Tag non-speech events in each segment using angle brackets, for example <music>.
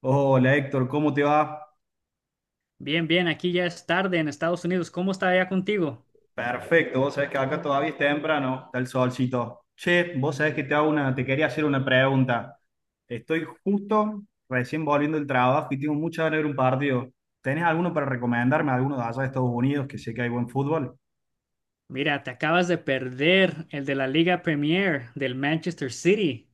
Hola Héctor, ¿cómo te va? Bien, bien, aquí ya es tarde en Estados Unidos. ¿Cómo está allá contigo? Perfecto, vos sabés que acá todavía es temprano, está el solcito. Che, vos sabés que te quería hacer una pregunta. Estoy justo recién volviendo del trabajo y tengo mucha ganas de ver un partido. ¿Tenés alguno para recomendarme, alguno de allá de Estados Unidos que sé que hay buen fútbol? Mira, te acabas de perder el de la Liga Premier del Manchester City.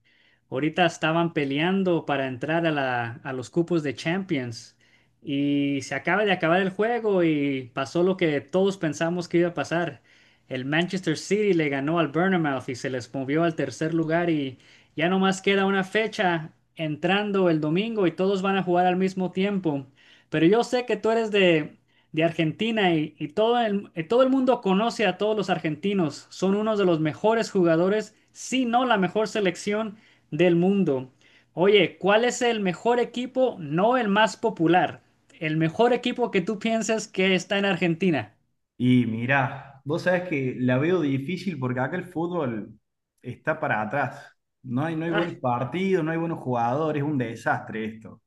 Ahorita estaban peleando para entrar a los cupos de Champions y se acaba de acabar el juego y pasó lo que todos pensamos que iba a pasar. El Manchester City le ganó al Bournemouth y se les movió al tercer lugar y ya nomás queda una fecha entrando el domingo y todos van a jugar al mismo tiempo. Pero yo sé que tú eres de Argentina y todo el mundo conoce a todos los argentinos. Son unos de los mejores jugadores, si no la mejor selección del mundo. Oye, ¿cuál es el mejor equipo? No el más popular. El mejor equipo que tú piensas que está en Argentina. Y mirá, vos sabés que la veo difícil porque acá el fútbol está para atrás. No hay buenos partidos, no hay buenos jugadores, es un desastre esto.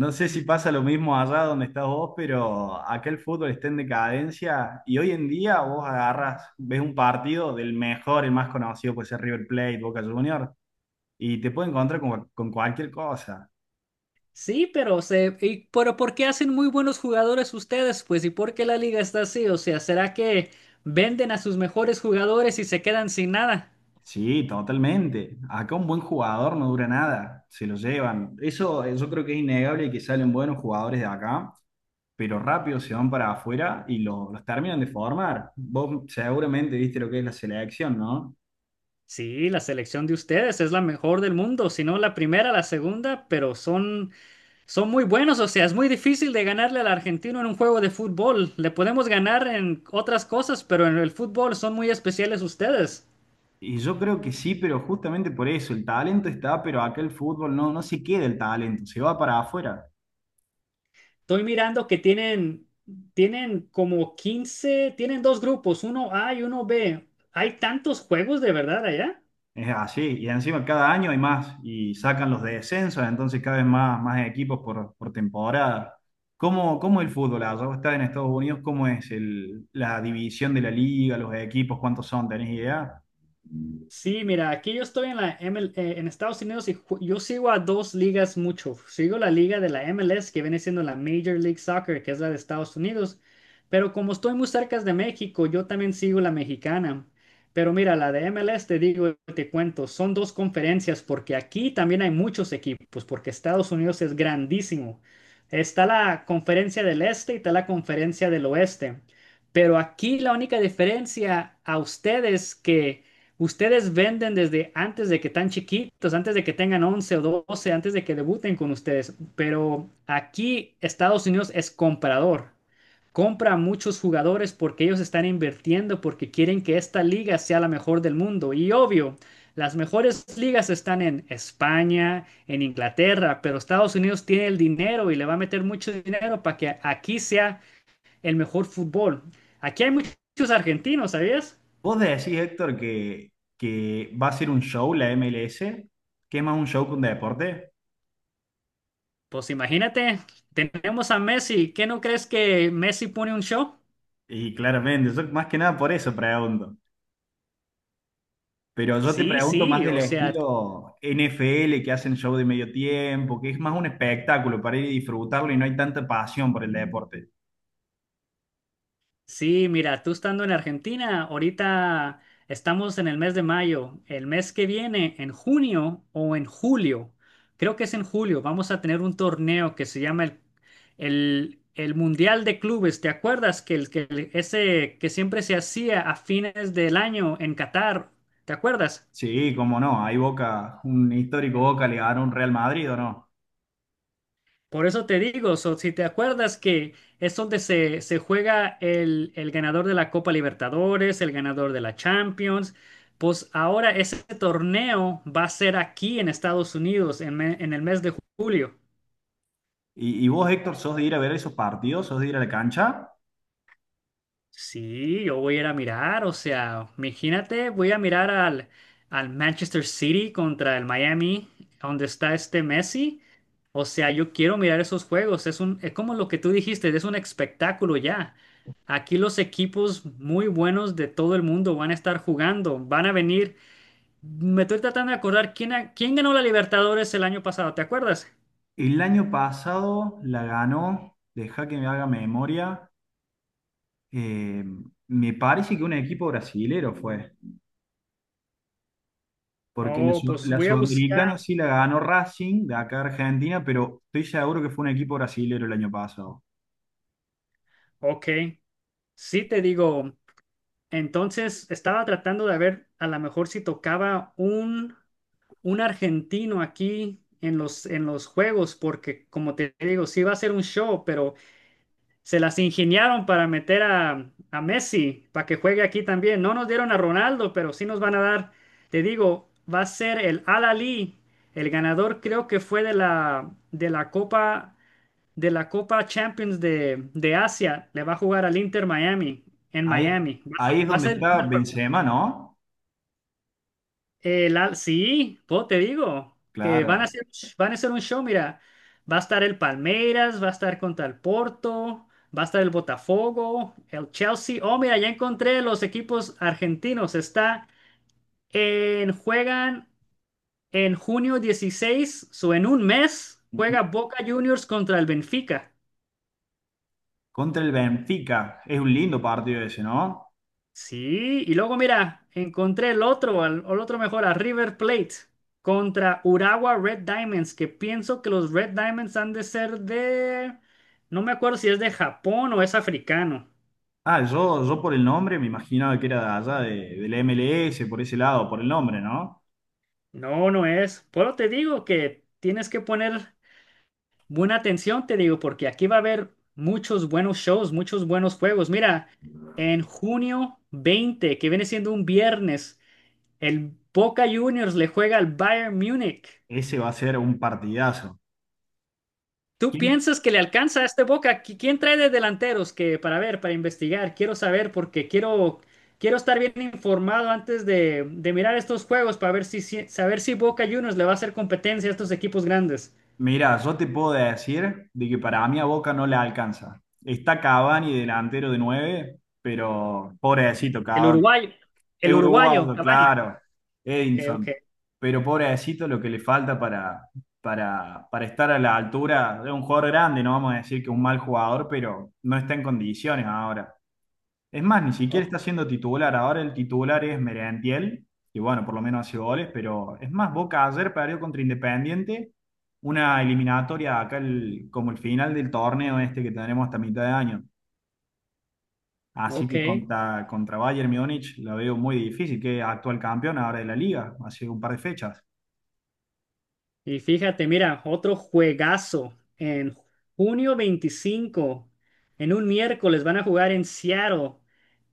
No sé si pasa lo mismo allá donde estás vos, pero acá el fútbol está en decadencia y hoy en día vos agarras, ves un partido del mejor, el más conocido puede ser River Plate, Boca Juniors, y te puede encontrar con cualquier cosa. Sí, pero ¿por qué hacen muy buenos jugadores ustedes? Pues, ¿y por qué la liga está así? O sea, ¿será que venden a sus mejores jugadores y se quedan sin nada? Sí, totalmente. Acá un buen jugador no dura nada, se lo llevan. Eso yo creo que es innegable que salen buenos jugadores de acá, pero rápido se van para afuera y los terminan de formar. Vos seguramente viste lo que es la selección, ¿no? Sí, la selección de ustedes es la mejor del mundo, si no la primera, la segunda, pero son muy buenos, o sea, es muy difícil de ganarle al argentino en un juego de fútbol. Le podemos ganar en otras cosas, pero en el fútbol son muy especiales ustedes. Y yo creo que sí, pero justamente por eso, el talento está, pero acá el fútbol no, no se queda el talento, se va para afuera. Estoy mirando que tienen como 15, tienen dos grupos, uno A y uno B. ¿Hay tantos juegos de verdad allá? Es así, y encima cada año hay más, y sacan los descensos, entonces cada vez más, más equipos por temporada. ¿Cómo el fútbol allá? ¿Vos estás en Estados Unidos? ¿Cómo es la división de la liga, los equipos, cuántos son? ¿Tenés idea? Sí, mira, aquí yo estoy en la ML en Estados Unidos y yo sigo a dos ligas mucho. Sigo la liga de la MLS, que viene siendo la Major League Soccer, que es la de Estados Unidos. Pero como estoy muy cerca de México, yo también sigo la mexicana. Pero mira, la de MLS te digo, y te cuento, son dos conferencias porque aquí también hay muchos equipos, porque Estados Unidos es grandísimo. Está la conferencia del este y está la conferencia del oeste. Pero aquí la única diferencia a ustedes que Ustedes venden desde antes de que tan chiquitos, antes de que tengan 11 o 12, antes de que debuten con ustedes. Pero aquí Estados Unidos es comprador. Compra a muchos jugadores porque ellos están invirtiendo, porque quieren que esta liga sea la mejor del mundo. Y obvio, las mejores ligas están en España, en Inglaterra, pero Estados Unidos tiene el dinero y le va a meter mucho dinero para que aquí sea el mejor fútbol. Aquí hay muchos argentinos, ¿sabías? ¿Vos decís, Héctor, que va a ser un show la MLS? ¿Que es más un show que un deporte? Pues imagínate, tenemos a Messi. ¿Qué no crees que Messi pone un show? Y claramente, yo más que nada por eso pregunto. Pero yo te Sí, pregunto más sí, del o sea, estilo NFL que hacen show de medio tiempo, que es más un espectáculo para ir y disfrutarlo y no hay tanta pasión por el deporte. sí, mira, tú estando en Argentina, ahorita estamos en el mes de mayo. El mes que viene, en junio o en julio, creo que es en julio, vamos a tener un torneo que se llama el Mundial de Clubes. ¿Te acuerdas que, ese que siempre se hacía a fines del año en Qatar? ¿Te acuerdas? Sí, cómo no, hay Boca, un histórico Boca le ganó un Real Madrid o no. Por eso te digo, so, si te acuerdas que es donde se juega el ganador de la Copa Libertadores, el ganador de la Champions, pues ahora ese torneo va a ser aquí en Estados Unidos en el mes de julio. Y vos, Héctor, sos de ir a ver esos partidos? ¿Sos de ir a la cancha? Sí, yo voy a ir a mirar, o sea, imagínate, voy a mirar al Manchester City contra el Miami, donde está este Messi. O sea, yo quiero mirar esos juegos, es como lo que tú dijiste, es un espectáculo ya. Aquí los equipos muy buenos de todo el mundo van a estar jugando, van a venir. Me estoy tratando de acordar quién, quién ganó la Libertadores el año pasado, ¿te acuerdas? El año pasado la ganó, deja que me haga memoria, eh, me parece que un equipo brasilero fue. Porque Oh, pues la voy a buscar. Sudamericana sí la ganó Racing de acá a Argentina, pero estoy seguro que fue un equipo brasilero el año pasado. Ok. Sí, te digo, entonces estaba tratando de ver a lo mejor si tocaba un argentino aquí en en los juegos, porque como te digo, sí va a ser un show, pero se las ingeniaron para meter a Messi para que juegue aquí también. No nos dieron a Ronaldo, pero sí nos van a dar, te digo, va a ser el Al-Ali, el ganador creo que fue de la Copa Champions de Asia, le va a jugar al Inter Miami, en Ahí, Miami. Va a ahí ser, es va a donde ser el está primer juego. Benzema, ¿no? Sí, po, te digo, que van a Claro. hacer, van a hacer un show, mira, va a estar el Palmeiras, va a estar contra el Porto, va a estar el Botafogo, el Chelsea. Oh, mira, ya encontré los equipos argentinos. Juegan en junio 16, o en un mes, Ujú. juega Boca Juniors contra el Benfica. Contra el Benfica. Es un lindo partido ese, ¿no? Sí, y luego mira, encontré el otro, otro mejor, a River Plate contra Urawa Red Diamonds, que pienso que los Red Diamonds han de ser de... No me acuerdo si es de Japón o es africano. Ah, yo por el nombre me imaginaba que era de allá, del MLS, por ese lado, por el nombre, ¿no? No, no es. Pero te digo que tienes que poner buena atención, te digo, porque aquí va a haber muchos buenos shows, muchos buenos juegos. Mira, en junio 20, que viene siendo un viernes, el Boca Juniors le juega al Bayern Múnich. Ese va a ser un partidazo. ¿Tú ¿Quién, piensas que le alcanza a este Boca? Quién trae de delanteros que para ver, para investigar? Quiero saber porque quiero estar bien informado antes de mirar estos juegos para ver si, saber si Boca Juniors le va a hacer competencia a estos equipos grandes. Mira, yo te puedo decir de que para mí a Boca no le alcanza. Está Cavani delantero de 9, pero pobrecito El Cavani. uruguayo, el Es uruguayo, uruguayo, Cavani. claro. Ok, ok. Edinson. Pero pobrecito lo que le falta para estar a la altura de un jugador grande. No vamos a decir que un mal jugador, pero no está en condiciones ahora. Es más, ni siquiera está Oh, siendo titular. Ahora el titular es Merentiel, que bueno, por lo menos hace goles, pero es más, Boca ayer perdió contra Independiente, una eliminatoria acá como el final del torneo este que tenemos hasta mitad de año. Así ok. que contra Bayern Múnich la veo muy difícil, que es actual campeón ahora de la liga, hace un par de fechas. Y fíjate, mira, otro juegazo en junio 25, en un miércoles van a jugar en Seattle.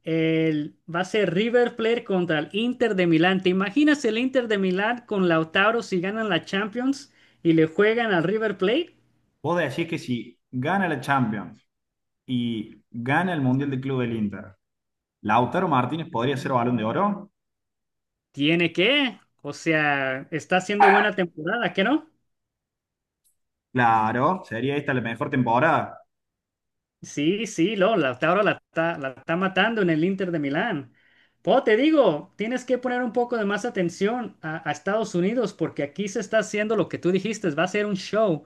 Va a ser River Plate contra el Inter de Milán. ¿Te imaginas el Inter de Milán con Lautaro si ganan la Champions y le juegan al River Plate? Vos decís que si gana la Champions y gana el Mundial de Club del Inter, ¿Lautaro Martínez podría ser Balón de Oro? Tiene que, o sea, está haciendo buena temporada, ¿qué no? Claro, sería esta la mejor temporada. Sí, sí, ahora la está matando en el Inter de Milán. Po, te digo, tienes que poner un poco de más atención a Estados Unidos porque aquí se está haciendo lo que tú dijiste, va a ser un show.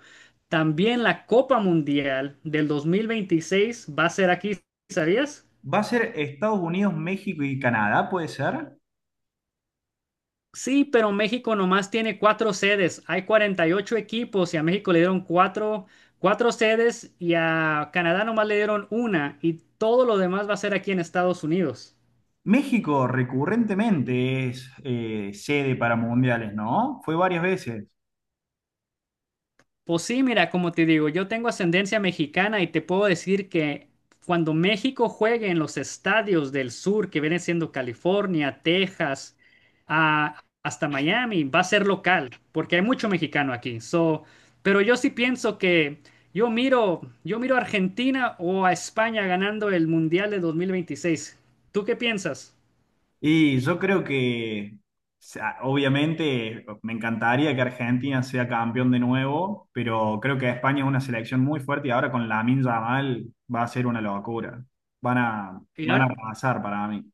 También la Copa Mundial del 2026 va a ser aquí, ¿sabías? Va a ser Estados Unidos, México y Canadá, ¿puede ser? Sí, pero México nomás tiene cuatro sedes. Hay 48 equipos y a México le dieron cuatro sedes y a Canadá nomás le dieron una y todo lo demás va a ser aquí en Estados Unidos. México recurrentemente es sede para mundiales, ¿no? Fue varias veces. Pues sí, mira, como te digo, yo tengo ascendencia mexicana y te puedo decir que cuando México juegue en los estadios del sur, que vienen siendo California, Texas, hasta Miami, va a ser local, porque hay mucho mexicano aquí. So, pero yo sí pienso que yo miro a Argentina o a España ganando el Mundial de 2026. ¿Tú qué piensas? Y yo creo que, o sea, obviamente, me encantaría que Argentina sea campeón de nuevo, pero creo que España es una selección muy fuerte y ahora con Lamine Yamal va a ser una locura. Y, Van a ahora- arrasar para mí.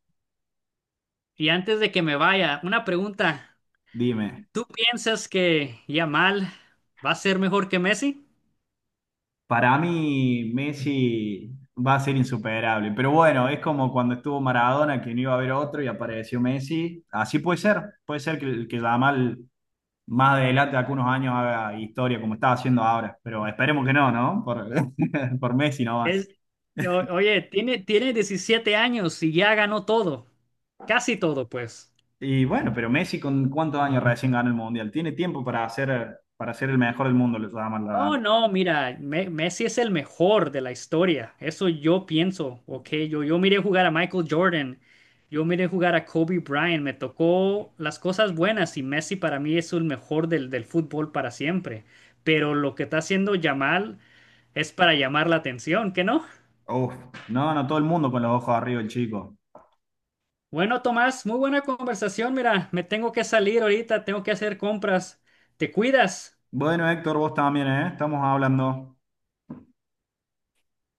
y antes de que me vaya, una pregunta. Dime. ¿Tú piensas que Yamal va a ser mejor que Messi? Para mí, Messi va a ser insuperable. Pero bueno, es como cuando estuvo Maradona, que no iba a haber otro y apareció Messi. Así puede ser. Puede ser que Yamal más adelante, de algunos años, haga historia como está haciendo ahora. Pero esperemos que no, ¿no? Por, <laughs> por Messi nomás. Es, oye, tiene 17 años y ya ganó todo. Casi todo, pues. Y bueno, pero Messi, ¿con cuántos años recién ganó el Mundial? Tiene tiempo para hacer, para ser el mejor del mundo, lo Yamal, la verdad. No, no, mira, Messi es el mejor de la historia. Eso yo pienso, ¿ok? Yo miré jugar a Michael Jordan, yo miré jugar a Kobe Bryant, me tocó las cosas buenas y Messi para mí es el mejor del fútbol para siempre. Pero lo que está haciendo Yamal es para llamar la atención, ¿que no? Uf, no, todo el mundo con los ojos arriba, el chico. Bueno, Tomás, muy buena conversación. Mira, me tengo que salir ahorita, tengo que hacer compras. ¿Te cuidas? Bueno, Héctor, vos también, ¿eh? Estamos hablando.